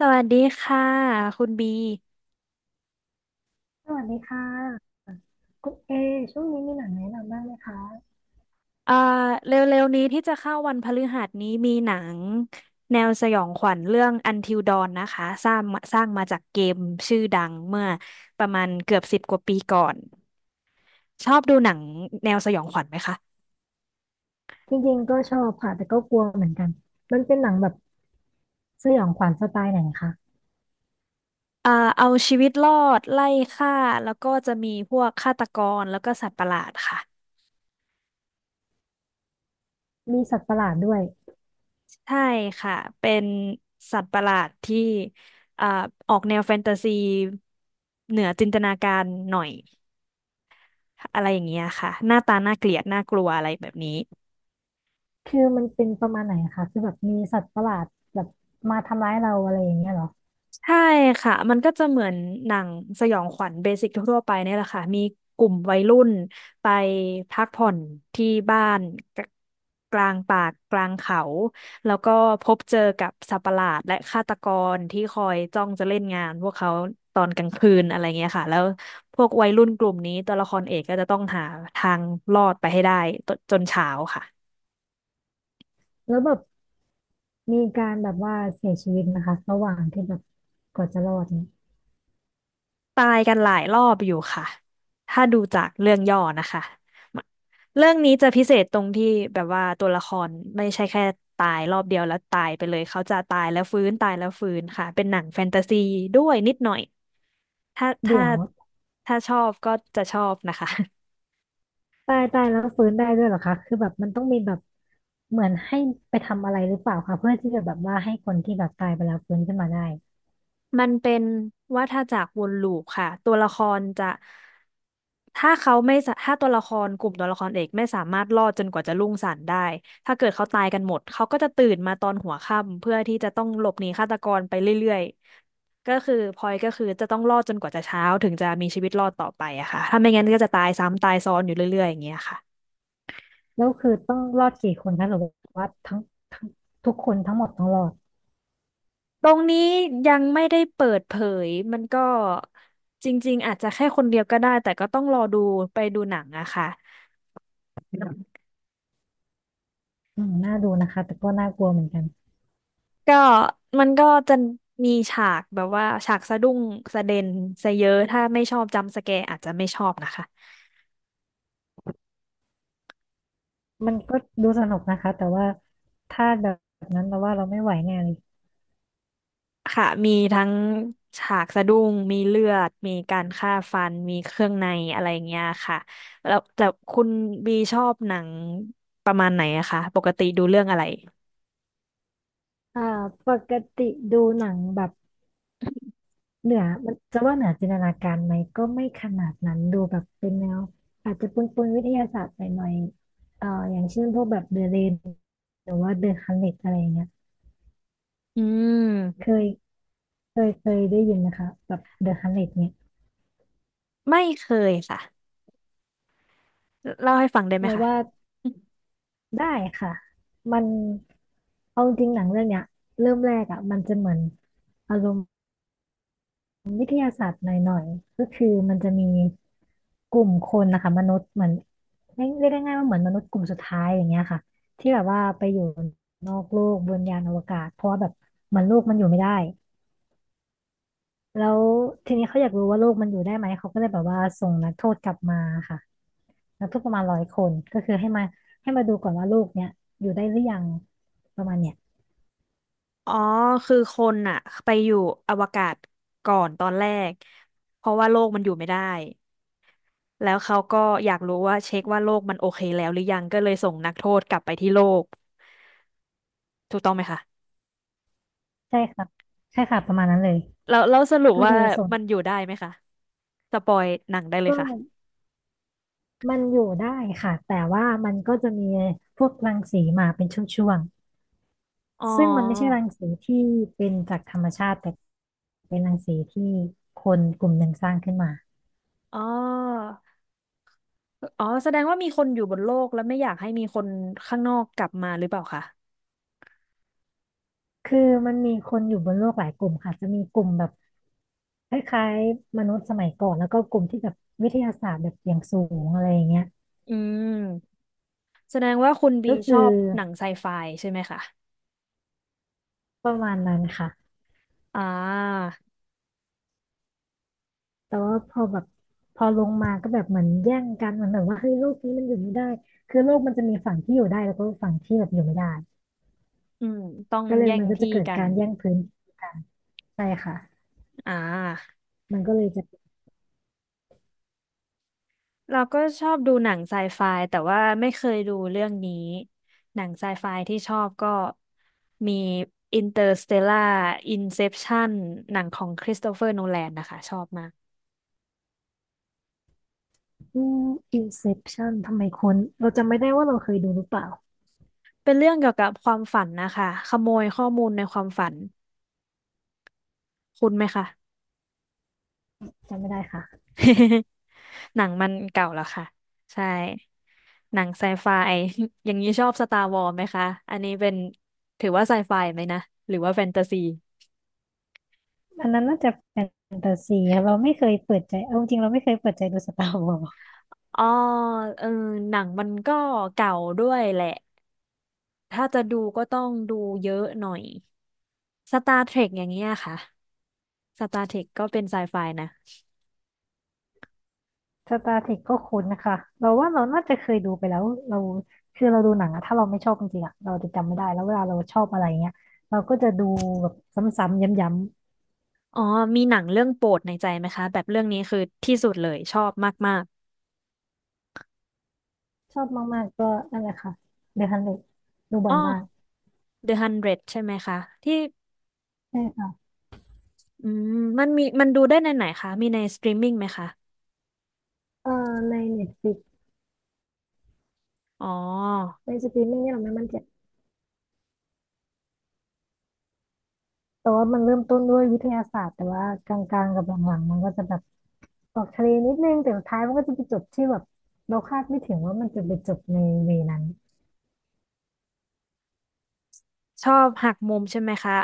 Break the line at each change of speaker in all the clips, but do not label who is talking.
สวัสดีค่ะคุณบี
สวัสดีค่ะคุณเอช่วงนี้มีหนังแนะนำบ้างไหมคะ
เอ่อเร็วๆนี้ที่จะเข้าวันพฤหัสนี้มีหนังแนวสยองขวัญเรื่อง Until Dawn นะคะสร้างมาจากเกมชื่อดังเมื่อประมาณเกือบสิบกว่าปีก่อนชอบดูหนังแนวสยองขวัญไหมคะ
จริงๆก็ชอบค่ะแต่ก็กลัวเหมือนกันมันเป็นหนังแบบสยองขวัญสไตล์ไหนคะ
เอ่อเอาชีวิตรอดไล่ฆ่าแล้วก็จะมีพวกฆาตกรแล้วก็สัตว์ประหลาดค่ะ
มีสัตว์ประหลาดด้วย
ใช่ค่ะเป็นสัตว์ประหลาดที่เอ่อออกแนวแฟนตาซีเหนือจินตนาการหน่อย อะไรอย่างเงี้ยค่ะหน้าตาน่าเกลียดน่ากลัวอะไรแบบนี้
คือมันเป็นประมาณไหนคะคือแบบมีสัตว์ประหลาดแบบมาทำร้ายเราอะไรอย่างเงี้ยเหรอ
ใช่ค่ะมันก็จะเหมือนหนังสยองขวัญเบสิกทั่วๆไปเนี่ยแหละค่ะมีกลุ่มวัยรุ่นไปพักผ่อนที่บ้านกกลางป่ากลางเขาแล้วก็พบเจอกับสัตว์ประหลาดและฆาตกรที่คอยจ้องจะเล่นงานพวกเขาตอนกลางคืนอะไรเงี้ยค่ะแล้วพวกวัยรุ่นกลุ่มนี้ตัวละครเอกก็จะต้องหาทางรอดไปให้ได้ตจนเช้าค่ะ
แล้วแบบมีการแบบว่าเสียชีวิตนะคะระหว่างที่แบบกว่าจะรอดเนี่ย
ตายกันหลายรอบอยู่ค่ะ ถ้าดูจากเรื่องย่อนะคะเรื่องนี้จะพิเศษตรงที่แบบว่าตัวละครไม่ใช่แค่ตายรอบเดียวแล้วตายไปเลยเขาจะตายแล้วฟื้นตายแล้วฟื้นค่ะเป็นหนังแฟนตาซีด้วยนิดหน่อยถ้า
เดี๋ยว
ถ้าชอบก็จะชอบนะคะ
ตายตายแล้วฟื้นได้ด้วยเหรอคะคือแบบมันต้องมีแบบเหมือนให้ไปทำอะไรหรือเปล่าคะเพื่อที่จะแบบว่าให้คนที่แบบตายไปแล้วฟื้นขึ้นมาได้
มันเป็นวัฏจักรวนลูปค่ะตัวละครจะถ้าเขาไม่สะถ้าตัวละครกลุ่มตัวละครเอกไม่สามารถรอดจนกว่าจะรุ่งสางได้ถ้าเกิดเขาตายกันหมดเขาก็จะตื่นมาตอนหัวค่ำเพื่อที่จะต้องหลบหนีฆาตกรไปเรื่อยๆก็คือพลอยก็คือจะต้องรอดจนกว่าจะเช้าถึงจะมีชีวิตรอดต่อไปอะค่ะถ้าไม่งั้นก็จะตายซ้ำตายซ้อนอยู่เรื่อยๆอย่างเงี้ยค่ะ
แล้วคือต้องรอดกี่คนคะหรือว่าทั้งทุกคนทั้งหมดต้องรอด
ตรงนี้ยังไม่ได้เปิดเผยมันก็จริงๆอาจจะแค่คนเดียวก็ได้แต่ก็ต้องรอดูไปดูหนังอะค่ะ
อืมน่าดูนะคะแต่ก็น่ากลัวเหมือนกัน
ก็มันก็จะมีฉากแบบว่าฉากสะดุ้งสะเด็นสะเยอะถ้าไม่ชอบจัมป์สแกร์อาจจะไม่ชอบนะคะ
มันก็ดูสนุกนะคะแต่ว่าถ้าแบบนั้นเราว่าเราไม่ไหวแน่เลย
ค่ะมีทั้งฉากสะดุ้งมีเลือดมีการฆ่าฟันมีเครื่องในอะไรอย่างเงี้ยค่ะแล้วแต่คุณบีชอบหนังประมาณไหนอะคะปกติดูเรื่องอะไร
อ่าปกติดูหนังแบบเหนือมันจะว่าเหนือจินตนาการไหมก็ไม่ขนาดนั้นดูแบบเป็นแนวอาจจะปนวิทยาศาสตร์หน่อยๆอย่างเช่นพวกแบบเดอะเรนหรือว่าเดอะฮันเ e ตอะไรอย่างเงี้ย
อื
เค
ม
ยเคยได้ยินนะคะแบบเดอะฮันเ e ตเนี่ย
ไม่เคยค่ะเล่าให้ฟังได้ไหม
เรา
คะ
ว่า ได้ค่ะมันเอาจริงหนังเรื่องเนี้ยเริ่มแรกอ่ะมันจะเหมือนอารมณ์วิทยาศาสตร์หน่อยๆก็คือมันจะมีกลุ่มคนนะคะมนุษย์เหมือนเรียกได้ง่ายว่าเหมือนมนุษย์กลุ่มสุดท้ายอย่างเงี้ยค่ะที่แบบว่าไปอยู่นอกโลกบนยานอวกาศเพราะว่าแบบเหมันโลกมันอยู่ไม่ได้แล้วทีนี้เขาอยากรู้ว่าโลกมันอยู่ได้ไหมเขาก็เลยแบบว่าส่งนักโทษกลับมาค่ะนักโทษประมาณร้อยคนก็คือให้มาดูก่อนว่าโลกเนี้ยอยู่ได้หรือยังประมาณเนี้ย
อ๋อคือคนอะไปอยู่อวกาศก่อนตอนแรกเพราะว่าโลกมันอยู่ไม่ได้แล้วเขาก็อยากรู้ว่าเช็คว่าโลกมันโอเคแล้วหรือยังก็เลยส่งนักโทษกลับไปที่โลกถูกต้องไหมคะ
ใช่ครับใช่ค่ะประมาณนั้นเลย
แล้วสรุป
ก็
ว่า
คือส่วน
มันอยู่ได้ไหมคะสปอยหนังได้เล
ก็
ยค่ะ
มันอยู่ได้ค่ะ แต่ว่ามันก็จะมีพวกรังสีมาเป็นช่วง
อ๋อ
ๆ ซึ่งมันไม่ใช่รังสีที่เป็นจากธรรมชาติแต่เป็นรังสีที่คนกลุ่มหนึ่งสร้างขึ้นมา
อ๋ออ๋อแสดงว่ามีคนอยู่บนโลกแล้วไม่อยากให้มีคนข้างนอกกลับมาหรือเปล่าคะ
คือมันมีคนอยู่บนโลกหลายกลุ่มค่ะจะมีกลุ่มแบบคล้ายๆมนุษย์สมัยก่อนแล้วก็กลุ่มที่แบบวิทยาศาสตร์แบบอย่างสูงอะไรอย่างเงี้ย
อืมแสดงว่าคุณบี
ก็
ช
คื
อ
อ
บหนังไซไฟใช่ไหมคะ
ประมาณนั้นค่ะ
อ่า
แต่ว่าพอแบบพอลงมาก็แบบเหมือนแย่งกันเหมือนแบบว่าเฮ้ยโลกนี้มันอยู่ไม่ได้คือโลกมันจะมีฝั่งที่อยู่ได้แล้วก็ฝั่งที่แบบอยู่ไม่ได้
อืมต้อง
ก็เลย
แย่ง
มันก็จะ
ที่
เกิด
กัน
การแย่งพื้นที่กันใช่ค่ะ
อ่า
มันก็เลยจะ
เราก็ชอบดูหนังไซไฟแต่ว่าไม่เคยดูเรื่องนี้หนังไซไฟที่ชอบก็มี Interstellar Inception หนังของคริสโตเฟอร์โนแลนนะคะชอบมาก
อืม Inception ทำไมคุ้นเราจำไม่ได้ว่าเราเคยดูหรือเปล่า
เป็นเรื่องเกี่ยวกับความฝันนะคะขโมยข้อมูลในความฝันคุณไหมคะ
จำไม่ได้ค่ะ
หนังมันเก่าแล้วค่ะใช่หนังไซไฟ อย่างนี้ชอบสตาร์วอ s ไหมคะอันนี้เป็นถือว่าไซไฟไหมนะหรือว่าแฟนตาซี
อันนั้นน่าจะแฟนตาซีอะเราไม่เคยเปิดใจเอาจริงๆเราไม่เคยเปิดใจดูสตาร์วอ
อ๋อเออหนังมันก็เก่าด้วยแหละถ้าจะดูก็ต้องดูเยอะหน่อย Star Trek อย่างเงี้ยค่ะ Star Trek ก็เป็นไซไฟนะ
สตาร์เทคก็คุ้นนะคะเราว่าเราน่าจะเคยดูไปแล้วเราคือเราดูหนังอะถ้าเราไม่ชอบจริงๆอะเราจะจำไม่ได้แล้วเวลาเราชอบอะไรเงี้ยเราก็จะดูแบบซ้ำๆย้ำ
อ๋อมีหนังเรื่องโปรดในใจไหมคะแบบเรื่องนี้คือที่สุดเลยชอบมาก
ๆชอบมากๆก็นั่นแหละค่ะเดอะฮันเดดู
ๆ
บ่
อ๋
อ
อ
ยมาก
The ฮันเดร d ใช่ไหมคะที่
ใช่ค่ะ
อืมมันมีมันดูได้ในไหนคะมีในสตรีมมิ่งไหมคะ
เอ่อในเน็ตฟลิก
อ๋อ
ในสตรีมมิ่งเนี่ยเราไม่มั่นใจแต่ว่ามันเริ่มต้นด้วยวิทยาศาสตร์แต่ว่ากลางๆกับหลังๆมันก็จะแบบออกทะเลนิดนึงแต่สุดท้ายมันก็จะไปจบที่แบบเราคาดไม่ถึงว่ามันจะไปจบในเวนั้น
ชอบหักมุมใช่ไหมคะ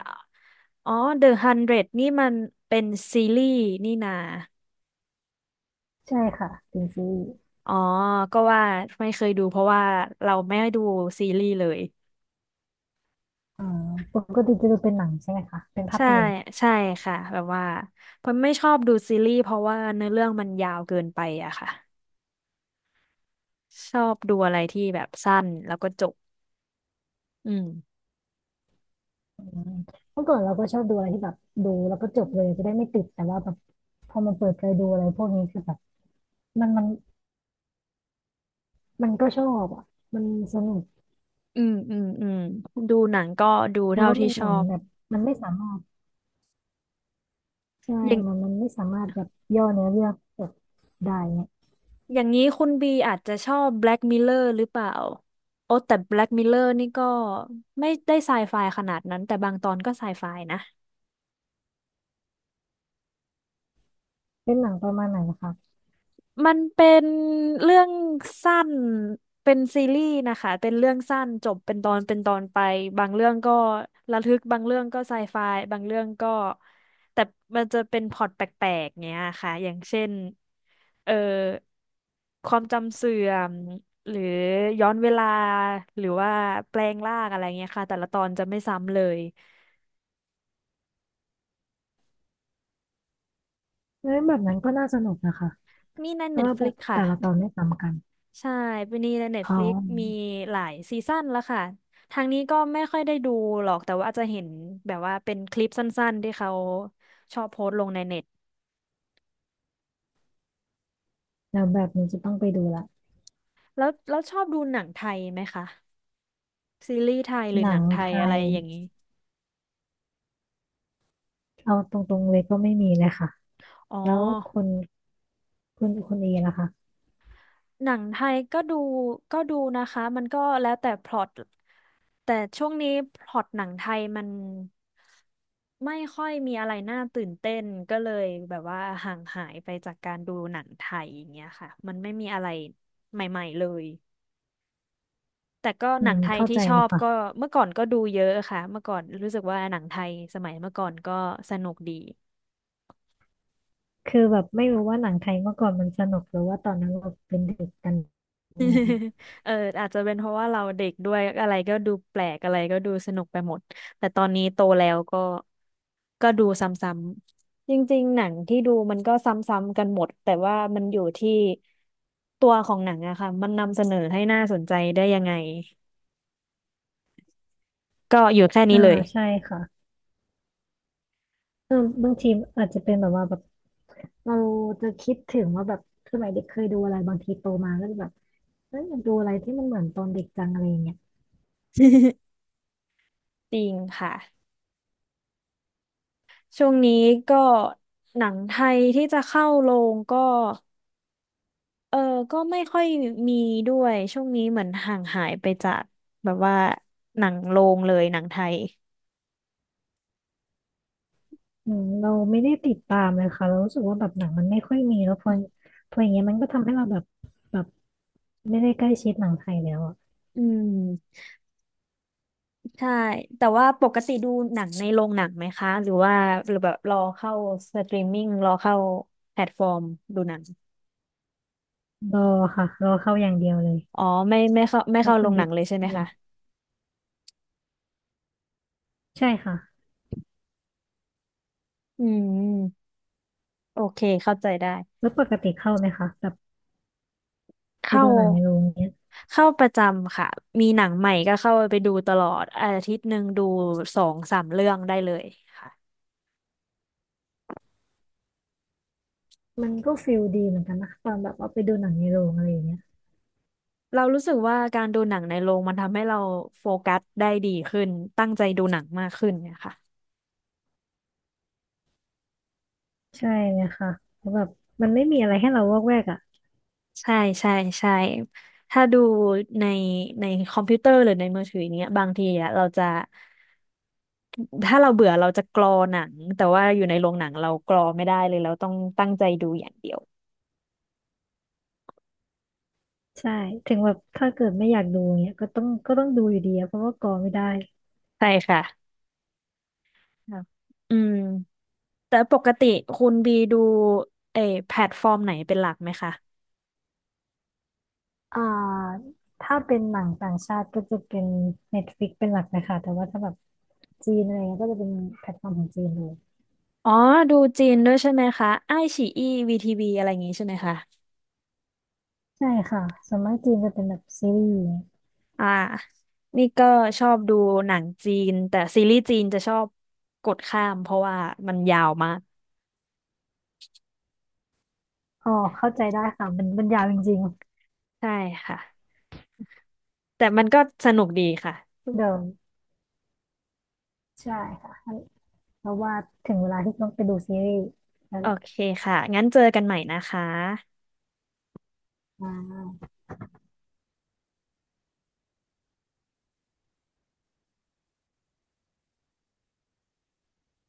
อ๋อ The Hundred นเดรดนี่มันเป็นซีรีส์นี่นา
ใช่ค่ะเป็นซีรีส์
อ๋อก็ว่าไม่เคยดูเพราะว่าเราไม่ได้ดูซีรีส์เลย
อ่าปกติจะดูเป็นหนังใช่ไหมคะเป็นภา
ใช่
พยนตร์
ใช่ค่ะแบบว่าผมไม่ชอบดูซีรีส์เพราะว่าเนื้อเรื่องมันยาวเกินไปอะค่ะชอบดูอะไรที่แบบสั้นแล้วก็จบอืม
อืมเมื่อก่อนเราก็ชอบดูอะไรที่แบบดูแล้วก็จบเลยจะได้ไม่ติดแต่ว่าแบบพอมาเปิดใจดูอะไรพวกนี้คือแบบมันมันก็ชอบอ่ะมันสนุก
อืมอืมอืมดูหนังก็ดู
แต่
เท่า
ว่า
ที่
มัน
ช
เหมื
อ
อน
บ
แบบมันไม่สามารถใช่
อย่าง
มันไม่สามารถแบบย่อเนื้อเรื่องจบได้เนี่ย
อย่างนี้คุณบีอาจจะชอบ Black Mirror หรือเปล่า โอ้แต่ Black Mirror นี่ก็ไม่ได้ไซไฟขนาดนั้นแต่บางตอนก็ไซไฟนะ
เป็นหนังประมาณไหนนะคะ
มันเป็นเรื่องสั้นเป็นซีรีส์นะคะเป็นเรื่องสั้นจบเป็นตอนเป็นตอนไปบางเรื่องก็ระทึกบางเรื่องก็ไซไฟบางเรื่องก็แต่มันจะเป็นพล็อตแปลกๆเนี้ยค่ะอย่างเช่นเอ่อความจำเสื่อมหรือย้อนเวลาหรือว่าแปลงร่างอะไรเงี้ยค่ะแต่ละตอนจะไม่ซ้ำเลย
เอ้ยแบบนั้นก็น่าสนุกนะคะ
มีใน
เพราะว่าแบบ
Netflix ค่ะ
แต่ละตอนไม่ซ้ำกัน
ใช่ปีนี้ใน
อ๋อ
Netflix มีหลายซีซั่นแล้วค่ะ ทางนี้ก็ไม่ค่อยได้ดูหรอกแต่ว่าอาจจะเห็นแบบว่าเป็นคลิปสั้นๆที่เขาชอบโพสต์ลงในเน็ต
แล้วแบบนี้จะต้องไปดูละ
แล้วชอบดูหนังไทยไหมคะซีรีส์ไทยหรื
ห
อ
นั
หนั
ง
งไท
ไท
ยอะไร
ย
อย่างนี้
เอาตรงๆเลยก็ไม่มีเลยค่ะ
อ๋อ
แล้วคุณ คุณเอล่ะคะ
หนังไทยก็ดูก็ดูนะคะมันก็แล้วแต่พล็อต แต่ช่วงนี้พล็อตหนังไทยมันไม่ค่อยมีอะไรน่าตื่นเต้นก็เลยแบบว่าห่างหายไปจากการดูหนังไทยอย่างเงี้ยค่ะมันไม่มีอะไรใหม่ๆเลยแต่ก็
อื
หนั
ม
งไทย
เข้า
ที่
ใจ
ชอ
แล้ว
บก็
ค่ะ
เมื่อก่อนก็ดูเยอะค่ะเมื่อก่อนรู้สึกว่าหนังไทยสมัยเมื่อก่อนก็สนุกดี
คือแบบไม่รู้ว่าหนังไทยเมื่อก่อนมันสนุกหรือว่าตอนนั้นเราเป็นเด็กกันแน่
เอออาจจะเป็นเพราะว่าเราเด็กด้วยอะไรก็ดูแปลกอะไรก็ดูสนุกไปหมดแต่ตอนนี้โตแล้วก็ดูซ้ำๆจริงๆหนังที่ดูมันก็ซ้ำๆกันหมดแต่ว่ามันอยู่ที่ตัวของหนังอะค่ะมันนำเสนอให้น่าสนใจได้ยังไงก็อยู่แค่นี้
อ่า
เลย
ใช่ค่ะเออบางทีอาจจะเป็นแบบว่าแบบเราจะคิดถึงว่าแบบสมัยเด็กเคยดูอะไรบางทีโตมาก็จะแบบเอยอยากดูอะไรที่มันเหมือนตอนเด็กจังอะไรอย่างเงี้ย
จริงค่ะช่วงนี้ก็หนังไทยที่จะเข้าโรงก็ เออก็ไม่ค่อยมีด้วยช่วงนี้เหมือนห่างหายไปจากแบบว่าหนังโรงเลยหนังไทย
อืมเราไม่ได้ติดตามเลยค่ะเรารู้สึกว่าแบบหนังมันไม่ค่อยมีแล้วพออย่างเงี้ยมันก็ทำให้เราแบบแบบไม่ได้ใกล้ชิดหนังไทยแล้วอะ
อืมใช่แต่ว่าปกติดูหนังในโรงหนังไหมคะหรือว่าหรือแบบรอเข้าสตรีมมิ่งรอเข้าแพลตฟอร์มดูหนัง
รอค่ะรอเข้าอย่างเดียวเลย
อ๋อไม่เข้าไม่
แล้ว
เข้า
คุ
โร
ณ
งหนั
บิ๊
ง
ก
เลยใช่ไหม
อืม
คะ
ใช่ค่ะ
อืมโอเคเข้าใจได้
แล้วปกติเข้าไหมคะแบบไป
เข้า
ดูหนังในโรงเนี้ย
ประจำค่ะมีหนังใหม่ก็เข้าไปดูตลอดอาทิตย์หนึ่งดูสองสามเรื่องได้เลยค่ะ
มันก็ฟิลดีเหมือนกันนะตอนแบบว่าไปดูหนังในโรงอะไรอย่างเงี้ย
เรารู้สึกว่าการดูหนังในโรงมันทำให้เราโฟกัสได้ดีขึ้น ตั้งใจดูหนังมากขึ้นเนี่ยค่ะ
ใช่เลยค่ะเพราะแบบมันไม่มีอะไรให้เราวอกแวกอ่ะ
ใช่ใช่ใช่ถ้าดูในในคอมพิวเตอร์หรือในมือถืออย่างเงี้ยบางทีอะเราจะถ้าเราเบื่อเราจะกรอหนังแต่ว่าอยู่ในโรงหนังเรากรอไม่ได้เลยเราต้องตั้งใจดูอย่างเดียว
ใช่ถึงแบบถ้าเกิดไม่อยากดูเงี้ยก็ต้องดูอยู่ดีอะเพราะว่ากอไม่ได้
ใช่ค่ะครับอืมแต่ปกติคุณบีดูเออแพลตฟอร์มไหนเป็นหลักไหมคะ
อ่าถ้าเป็นหนังต่างชาติก็จะเป็น Netflix เป็นหลักนะคะแต่ว่าถ้าแบบจีนอะไรเงี้ยก็จะเป็นแพลตฟอร์มของจีนเลย
อ๋อดูจีนด้วยใช่ไหมคะไอ้ฉีอี้วีทีวีอะไรอย่างงี้ใช่ไหมคะ
ใช่ค่ะส่วนมากจีนจะเป็นแบบซีรีส์
อ่านี่ก็ชอบดูหนังจีน แต่ซีรีส์จีนจะชอบกดข้ามเพราะว่ามันยาวมาก
อ๋อเข้าใจได้ค่ะมันยาวจริง
ใช่ค่ะ แต่มันก็สนุกดีค่ะ
ๆเดิมใช่ค่ะ เพราะว่าถึงเวลาที่ต้องไปดูซีรีส์แล้ว
โอ
แหละ
เคค่ะ งั้นเจอกันใหม่นะคะ
อ่า